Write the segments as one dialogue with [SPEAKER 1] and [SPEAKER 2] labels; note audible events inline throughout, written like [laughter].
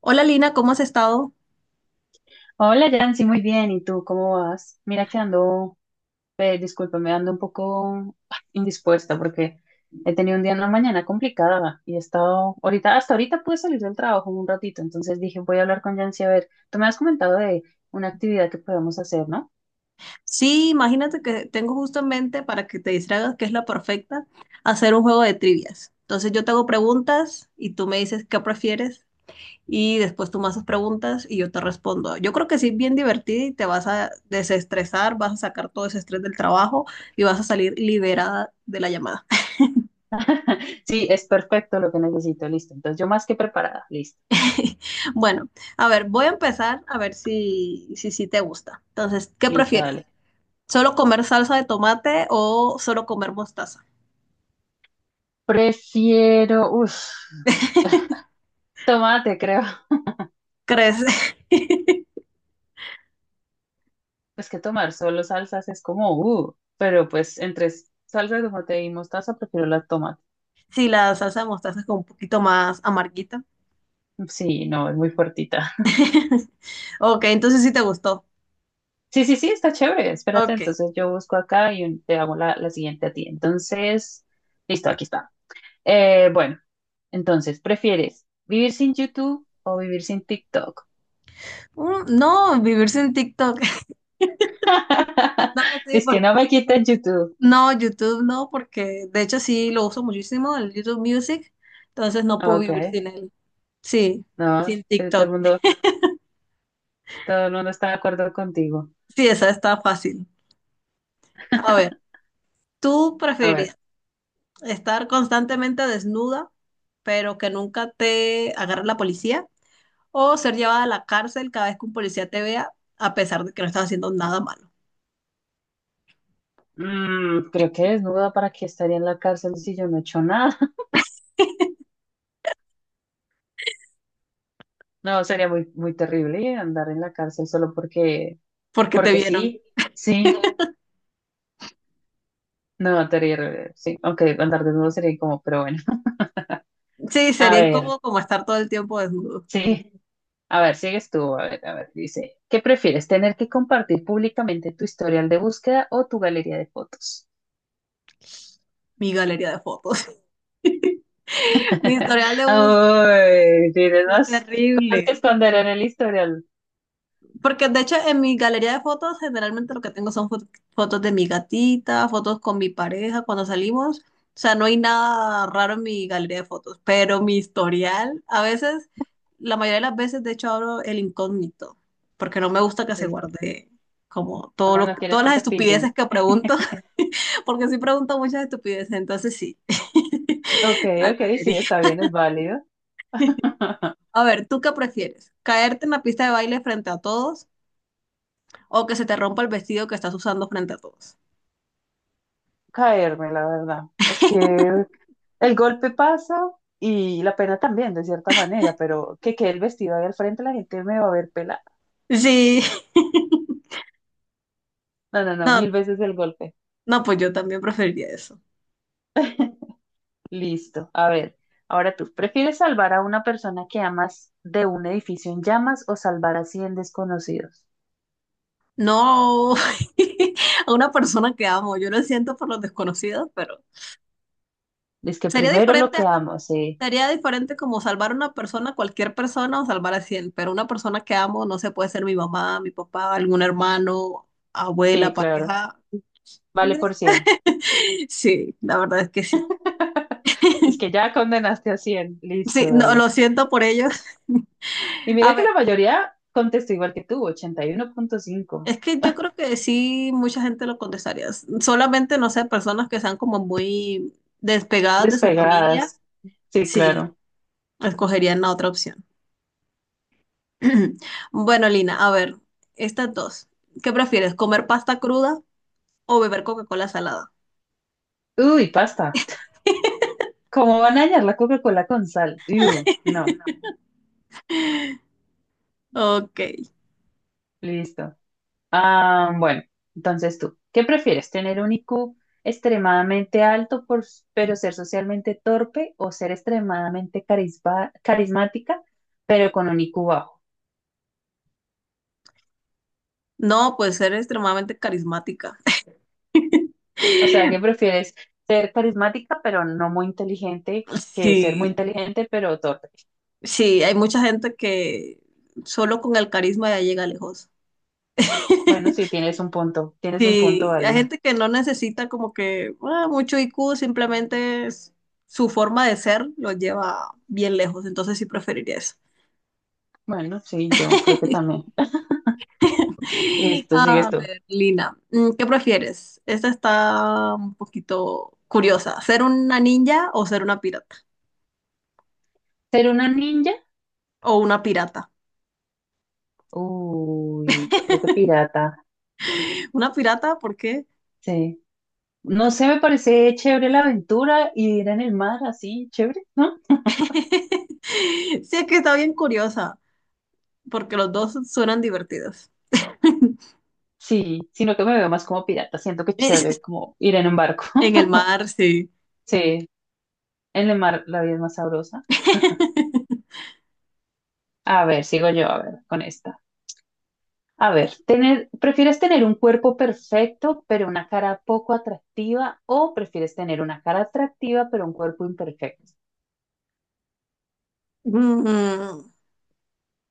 [SPEAKER 1] Hola Lina, ¿cómo has estado?
[SPEAKER 2] Hola, Yancy, muy bien. ¿Y tú cómo vas? Mira que ando, discúlpame, ando un poco indispuesta porque he tenido un día en la mañana complicada y he estado, ahorita, hasta ahorita pude salir del trabajo un ratito, entonces dije, voy a hablar con Yancy a ver, tú me has comentado de una actividad que podemos hacer, ¿no?
[SPEAKER 1] Sí, imagínate que tengo justamente para que te distraigas, que es la perfecta, hacer un juego de trivias. Entonces yo te hago preguntas y tú me dices qué prefieres y después tú me haces preguntas y yo te respondo. Yo creo que sí es bien divertido y te vas a desestresar, vas a sacar todo ese estrés del trabajo y vas a salir liberada de la llamada.
[SPEAKER 2] [laughs] Sí, es perfecto lo que necesito, listo. Entonces yo más que preparada, listo,
[SPEAKER 1] [laughs] Bueno, a ver, voy a empezar a ver si te gusta. Entonces, ¿qué
[SPEAKER 2] listo,
[SPEAKER 1] prefieres?
[SPEAKER 2] dale.
[SPEAKER 1] ¿Solo comer salsa de tomate o solo comer mostaza?
[SPEAKER 2] Prefiero,
[SPEAKER 1] [laughs]
[SPEAKER 2] tomate, creo. [laughs]
[SPEAKER 1] Crece. [laughs]
[SPEAKER 2] Es que tomar solo salsas es como, pero pues entre salsa de tomate y mostaza prefiero la tomate.
[SPEAKER 1] Si la salsa de mostaza es como un poquito más amarguita.
[SPEAKER 2] Sí, no, es muy fuertita. [laughs]
[SPEAKER 1] [laughs] Ok, entonces sí te gustó.
[SPEAKER 2] Sí, sí, sí, está chévere. Espérate,
[SPEAKER 1] Ok.
[SPEAKER 2] entonces yo busco acá y te hago la, la siguiente a ti. Entonces, listo, aquí está. Bueno, entonces, ¿prefieres vivir sin YouTube o vivir sin TikTok?
[SPEAKER 1] No, vivir sin TikTok. [laughs]
[SPEAKER 2] [laughs]
[SPEAKER 1] No, sí,
[SPEAKER 2] Es que
[SPEAKER 1] porque-
[SPEAKER 2] no me quiten YouTube.
[SPEAKER 1] no, YouTube no, porque de hecho sí lo uso muchísimo, el YouTube Music, entonces no puedo
[SPEAKER 2] Ok,
[SPEAKER 1] vivir sin él. Sí,
[SPEAKER 2] no,
[SPEAKER 1] sin TikTok.
[SPEAKER 2] todo el mundo está de acuerdo contigo.
[SPEAKER 1] Sí, esa está fácil. A ver,
[SPEAKER 2] [laughs]
[SPEAKER 1] ¿tú
[SPEAKER 2] A ver.
[SPEAKER 1] preferirías estar constantemente desnuda, pero que nunca te agarre la policía? ¿O ser llevada a la cárcel cada vez que un policía te vea, a pesar de que no estás haciendo nada malo,
[SPEAKER 2] Mm, creo que desnuda para que estaría en la cárcel si yo no he hecho nada. [laughs] No, sería muy, muy terrible andar en la cárcel solo porque,
[SPEAKER 1] porque te
[SPEAKER 2] porque
[SPEAKER 1] vieron?
[SPEAKER 2] sí, sí, no, terrible, sí, aunque andar desnudo sería como, pero bueno. [laughs]
[SPEAKER 1] Sí,
[SPEAKER 2] A
[SPEAKER 1] sería
[SPEAKER 2] ver,
[SPEAKER 1] incómodo como estar todo el tiempo desnudo.
[SPEAKER 2] sí, a ver, sigues tú, a ver, dice, ¿qué prefieres, tener que compartir públicamente tu historial de búsqueda o tu galería de fotos?
[SPEAKER 1] Mi galería de fotos. [laughs] Mi
[SPEAKER 2] [laughs]
[SPEAKER 1] historial de búsqueda
[SPEAKER 2] Ay, tienes
[SPEAKER 1] es
[SPEAKER 2] más cosas que
[SPEAKER 1] terrible.
[SPEAKER 2] esconder en el historial.
[SPEAKER 1] Porque de hecho en mi galería de fotos generalmente lo que tengo son fotos de mi gatita, fotos con mi pareja cuando salimos. O sea, no hay nada raro en mi galería de fotos, pero mi historial, a veces, la mayoría de las veces de hecho abro el incógnito, porque no me gusta que se
[SPEAKER 2] Dice,
[SPEAKER 1] guarde como
[SPEAKER 2] ah, no quieres
[SPEAKER 1] todas
[SPEAKER 2] que
[SPEAKER 1] las
[SPEAKER 2] te pillen.
[SPEAKER 1] estupideces que pregunto, [laughs] porque sí pregunto muchas estupideces, entonces sí,
[SPEAKER 2] Ok,
[SPEAKER 1] [laughs] la
[SPEAKER 2] ok, sí,
[SPEAKER 1] galería.
[SPEAKER 2] está bien, es válido. [laughs]
[SPEAKER 1] A ver, ¿tú qué prefieres? ¿Caerte en la pista de baile frente a todos, o que se te rompa el vestido que estás usando frente a todos?
[SPEAKER 2] Caerme, la verdad. Es que el golpe pasa y la pena también, de cierta manera, pero que quede el vestido ahí al frente, la gente me va a ver pelada.
[SPEAKER 1] Sí. [laughs]
[SPEAKER 2] No, no, no,
[SPEAKER 1] No,
[SPEAKER 2] mil veces el golpe.
[SPEAKER 1] no, pues yo también preferiría eso.
[SPEAKER 2] [laughs] Listo. A ver, ahora tú, ¿prefieres salvar a una persona que amas de un edificio en llamas o salvar a 100 desconocidos?
[SPEAKER 1] No, [laughs] a una persona que amo, yo lo siento por los desconocidos, pero
[SPEAKER 2] Es que
[SPEAKER 1] sería
[SPEAKER 2] primero lo
[SPEAKER 1] diferente,
[SPEAKER 2] que amo, sí,
[SPEAKER 1] sería diferente como salvar a una persona, cualquier persona o salvar a cien, pero una persona que amo no, se puede ser mi mamá, mi papá, algún hermano,
[SPEAKER 2] sí,
[SPEAKER 1] abuela,
[SPEAKER 2] claro.
[SPEAKER 1] pareja.
[SPEAKER 2] Vale por
[SPEAKER 1] [laughs]
[SPEAKER 2] 100.
[SPEAKER 1] Sí, la verdad es que sí.
[SPEAKER 2] [laughs] Es que ya condenaste a 100. Listo,
[SPEAKER 1] Sí, no,
[SPEAKER 2] dale.
[SPEAKER 1] lo siento por ellos. [laughs]
[SPEAKER 2] Y
[SPEAKER 1] A
[SPEAKER 2] mira que la mayoría contestó igual que tú, 81,5.
[SPEAKER 1] es que yo creo que sí, mucha gente lo contestaría. S- Solamente, no sé, personas que sean como muy despegadas de su familia,
[SPEAKER 2] Despegadas. Sí,
[SPEAKER 1] sí,
[SPEAKER 2] claro.
[SPEAKER 1] escogerían la otra opción. [clears throat] Bueno, Lina, a ver, estas dos. ¿Qué prefieres, comer pasta cruda o beber Coca-Cola salada?
[SPEAKER 2] Uy, pasta. ¿Cómo van a dañar la Coca-Cola con sal? Uy, no.
[SPEAKER 1] Ok.
[SPEAKER 2] Listo. Ah, bueno, entonces tú, ¿qué prefieres? ¿Tener un IQ extremadamente alto por, pero ser socialmente torpe o ser extremadamente carismática pero con un IQ bajo?
[SPEAKER 1] No, pues ser extremadamente carismática.
[SPEAKER 2] O sea, ¿qué
[SPEAKER 1] [laughs]
[SPEAKER 2] prefieres? ¿Ser carismática pero no muy inteligente que ser muy
[SPEAKER 1] Sí,
[SPEAKER 2] inteligente pero torpe?
[SPEAKER 1] sí, hay mucha gente que solo con el carisma ya llega lejos.
[SPEAKER 2] Bueno,
[SPEAKER 1] [laughs]
[SPEAKER 2] sí, tienes un punto,
[SPEAKER 1] Sí, hay
[SPEAKER 2] vale.
[SPEAKER 1] gente que no necesita como que ah, mucho IQ, simplemente su forma de ser lo lleva bien lejos, entonces sí preferiría eso.
[SPEAKER 2] Bueno, sí, yo creo que
[SPEAKER 1] [laughs]
[SPEAKER 2] también. [laughs] Listo, sigue
[SPEAKER 1] A
[SPEAKER 2] esto.
[SPEAKER 1] ver, Lina, ¿qué prefieres? Esta está un poquito curiosa, ¿ser una ninja o ser una pirata?
[SPEAKER 2] ¿Ser una ninja?
[SPEAKER 1] O una pirata.
[SPEAKER 2] Uy, yo creo que pirata,
[SPEAKER 1] ¿Una pirata? ¿Por qué?
[SPEAKER 2] sí. No sé, me parece chévere la aventura y ir en el mar así, chévere, ¿no?
[SPEAKER 1] [laughs] Sí, es que está bien curiosa, porque los dos suenan divertidos. [laughs]
[SPEAKER 2] Sí, sino que me veo más como pirata, siento que es chévere como ir en un barco.
[SPEAKER 1] En el
[SPEAKER 2] [laughs]
[SPEAKER 1] mar, sí.
[SPEAKER 2] Sí, en el mar la vida es más sabrosa. [laughs]
[SPEAKER 1] [laughs]
[SPEAKER 2] A ver, sigo yo, a ver, con esta. A ver, ¿prefieres tener un cuerpo perfecto pero una cara poco atractiva o prefieres tener una cara atractiva pero un cuerpo imperfecto?
[SPEAKER 1] Mm,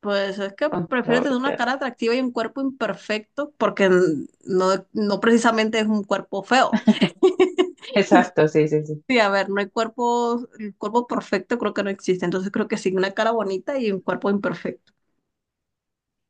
[SPEAKER 1] pues es que prefiero tener una
[SPEAKER 2] Controversial.
[SPEAKER 1] cara atractiva y un cuerpo imperfecto porque no, no precisamente es un cuerpo feo. [laughs]
[SPEAKER 2] Exacto, sí, sí, sí.
[SPEAKER 1] Sí, a ver, no hay cuerpo, el cuerpo perfecto creo que no existe, entonces creo que sí, una cara bonita y un cuerpo imperfecto.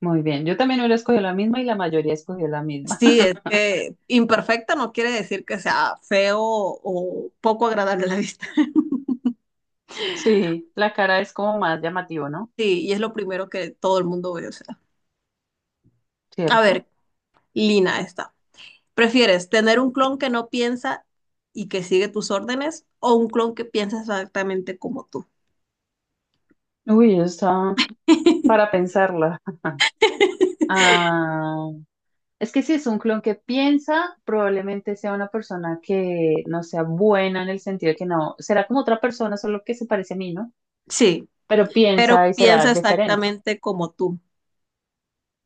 [SPEAKER 2] Muy bien. Yo también hubiera escogido la misma y la mayoría escogió la misma.
[SPEAKER 1] Sí, es
[SPEAKER 2] [laughs]
[SPEAKER 1] que imperfecta no quiere decir que sea feo o poco agradable a la vista. [laughs]
[SPEAKER 2] Sí, la cara es como más llamativo, ¿no?
[SPEAKER 1] Sí, y es lo primero que todo el mundo ve, o sea. A ver,
[SPEAKER 2] Cierto.
[SPEAKER 1] Lina, está. ¿Prefieres tener un clon que no piensa y que sigue tus órdenes o un clon que piensa exactamente como tú?
[SPEAKER 2] Uy, está para
[SPEAKER 1] [laughs]
[SPEAKER 2] pensarla. Ah, es que si es un clon que piensa, probablemente sea una persona que no sea buena en el sentido de que no, será como otra persona, solo que se parece a mí, ¿no?
[SPEAKER 1] Sí,
[SPEAKER 2] Pero
[SPEAKER 1] pero
[SPEAKER 2] piensa y
[SPEAKER 1] piensa
[SPEAKER 2] será diferente.
[SPEAKER 1] exactamente como tú.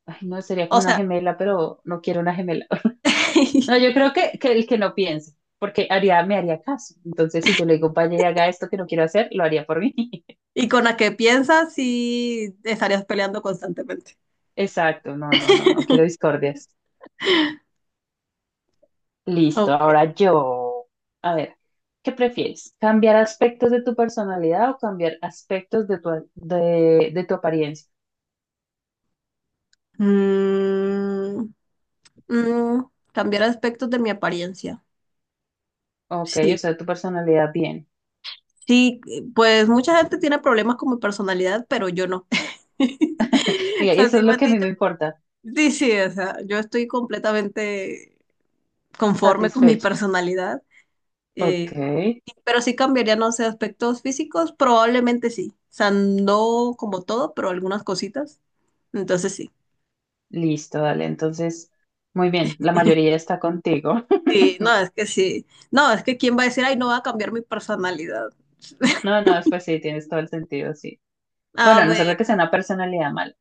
[SPEAKER 2] Ay, no, sería
[SPEAKER 1] O
[SPEAKER 2] como una
[SPEAKER 1] sea,
[SPEAKER 2] gemela, pero no quiero una gemela. [laughs] No, yo
[SPEAKER 1] [laughs]
[SPEAKER 2] creo que el que no piense, porque haría, me haría caso. Entonces, si yo le digo, vaya y haga esto que no quiero hacer, lo haría por mí. [laughs]
[SPEAKER 1] y con la que piensas sí estarías peleando constantemente.
[SPEAKER 2] Exacto, no, no, no, no quiero discordias. Listo,
[SPEAKER 1] Ok.
[SPEAKER 2] ahora yo. A ver, ¿qué prefieres? ¿Cambiar aspectos de tu personalidad o cambiar aspectos de tu apariencia?
[SPEAKER 1] Mm, mm, cambiar aspectos de mi apariencia.
[SPEAKER 2] Ok, o
[SPEAKER 1] Sí,
[SPEAKER 2] sea, tu personalidad bien.
[SPEAKER 1] sí, pues mucha gente tiene problemas con mi personalidad, pero yo no. [laughs] O
[SPEAKER 2] Mira, y
[SPEAKER 1] sea,
[SPEAKER 2] eso
[SPEAKER 1] sí
[SPEAKER 2] es
[SPEAKER 1] me
[SPEAKER 2] lo
[SPEAKER 1] han
[SPEAKER 2] que a mí
[SPEAKER 1] dicho.
[SPEAKER 2] me importa.
[SPEAKER 1] Sí, sí, o sea, yo estoy completamente conforme con mi
[SPEAKER 2] Satisfecho.
[SPEAKER 1] personalidad,
[SPEAKER 2] Ok.
[SPEAKER 1] eh, pero sí cambiaría, no sé, aspectos físicos, probablemente sí, o sea, no como todo, pero algunas cositas, entonces sí,
[SPEAKER 2] Listo, dale. Entonces, muy bien, la mayoría está contigo. [laughs]
[SPEAKER 1] sí, no, es que sí, no, es que quién va a decir, ay, no, va a cambiar mi personalidad. [laughs]
[SPEAKER 2] No, no, pues sí, tienes todo el sentido, sí.
[SPEAKER 1] A
[SPEAKER 2] Bueno, a no ser
[SPEAKER 1] ver,
[SPEAKER 2] de que sea una personalidad mala.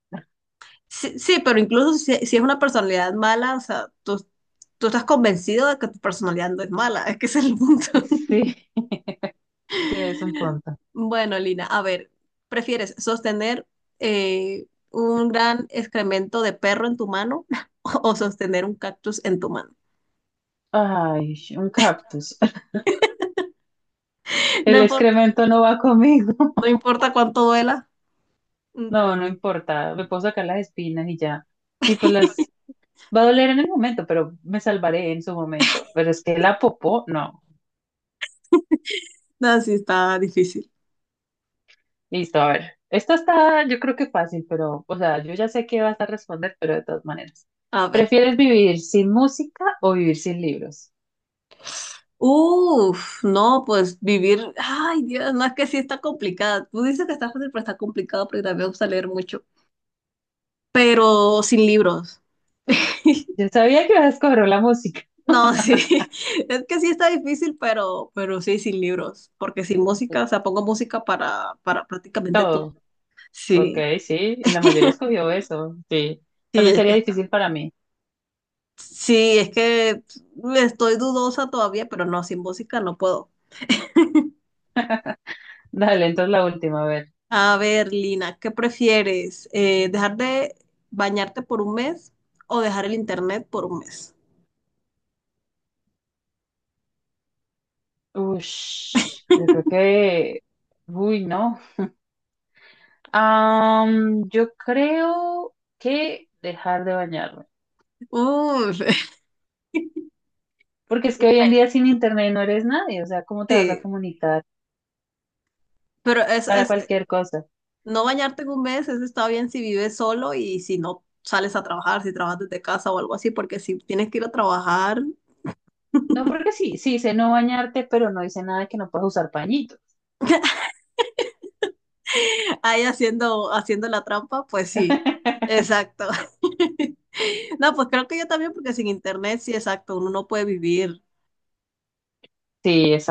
[SPEAKER 1] sí, sí, pero incluso si es una personalidad mala, o sea, tú estás convencido de que tu personalidad no es mala, [laughs] es que ese es el punto.
[SPEAKER 2] Sí, sí, es un punto.
[SPEAKER 1] Bueno, Lina, a ver, ¿prefieres sostener un gran excremento de perro en tu mano [laughs] o sostener un cactus en tu mano?
[SPEAKER 2] Ay, un cactus. [laughs]
[SPEAKER 1] [laughs] No
[SPEAKER 2] El
[SPEAKER 1] importa,
[SPEAKER 2] excremento no va conmigo.
[SPEAKER 1] no
[SPEAKER 2] [laughs]
[SPEAKER 1] importa cuánto duela, un
[SPEAKER 2] No,
[SPEAKER 1] cactus.
[SPEAKER 2] no importa. Me puedo sacar las espinas y ya. Y pues las va a doler en el momento, pero me salvaré en su momento. Pero es que la popó, no.
[SPEAKER 1] No, sí está difícil.
[SPEAKER 2] Listo, a ver. Esto está, yo creo que fácil, pero, o sea, yo ya sé que vas a responder, pero de todas maneras.
[SPEAKER 1] A ver.
[SPEAKER 2] ¿Prefieres vivir sin música o vivir sin libros?
[SPEAKER 1] Uf, no, pues vivir. Ay, Dios, no, es que sí está complicada. Tú dices que está fácil, pero está complicado porque también me gusta leer mucho. Pero sin libros. [laughs]
[SPEAKER 2] Yo sabía que ibas a escoger la música.
[SPEAKER 1] No, sí, [laughs] es que sí está difícil, pero sí, sin libros, porque sin música, o sea,
[SPEAKER 2] [laughs]
[SPEAKER 1] pongo música para prácticamente todo.
[SPEAKER 2] Todo. Ok,
[SPEAKER 1] Sí,
[SPEAKER 2] sí. Y la mayoría escogió eso. Sí.
[SPEAKER 1] [laughs] sí,
[SPEAKER 2] También
[SPEAKER 1] es que
[SPEAKER 2] sería
[SPEAKER 1] está.
[SPEAKER 2] difícil para mí.
[SPEAKER 1] Sí, es que estoy dudosa todavía, pero no, sin música no puedo.
[SPEAKER 2] Dale, entonces la última, a ver.
[SPEAKER 1] A ver, Lina, ¿qué prefieres? ¿Dejar de bañarte por un mes o dejar el internet por un mes?
[SPEAKER 2] Ush, yo creo que. Uy, no. Yo creo que dejar de bañarme.
[SPEAKER 1] Uf, [laughs]
[SPEAKER 2] Porque es
[SPEAKER 1] un
[SPEAKER 2] que hoy en
[SPEAKER 1] mes,
[SPEAKER 2] día sin internet no eres nadie. O sea, ¿cómo te vas a
[SPEAKER 1] sí,
[SPEAKER 2] comunicar?
[SPEAKER 1] pero
[SPEAKER 2] Para cualquier cosa.
[SPEAKER 1] no bañarte en un mes, eso está bien si vives solo y si no sales a trabajar, si trabajas desde casa o algo así, porque si tienes que ir a trabajar
[SPEAKER 2] No, porque sí, sí dice no bañarte, pero no dice nada que no puedas usar pañitos.
[SPEAKER 1] ahí haciendo la trampa, pues sí,
[SPEAKER 2] [laughs]
[SPEAKER 1] exacto. [laughs] No, pues creo que yo también, porque sin internet, sí, exacto, uno no puede vivir
[SPEAKER 2] Sí,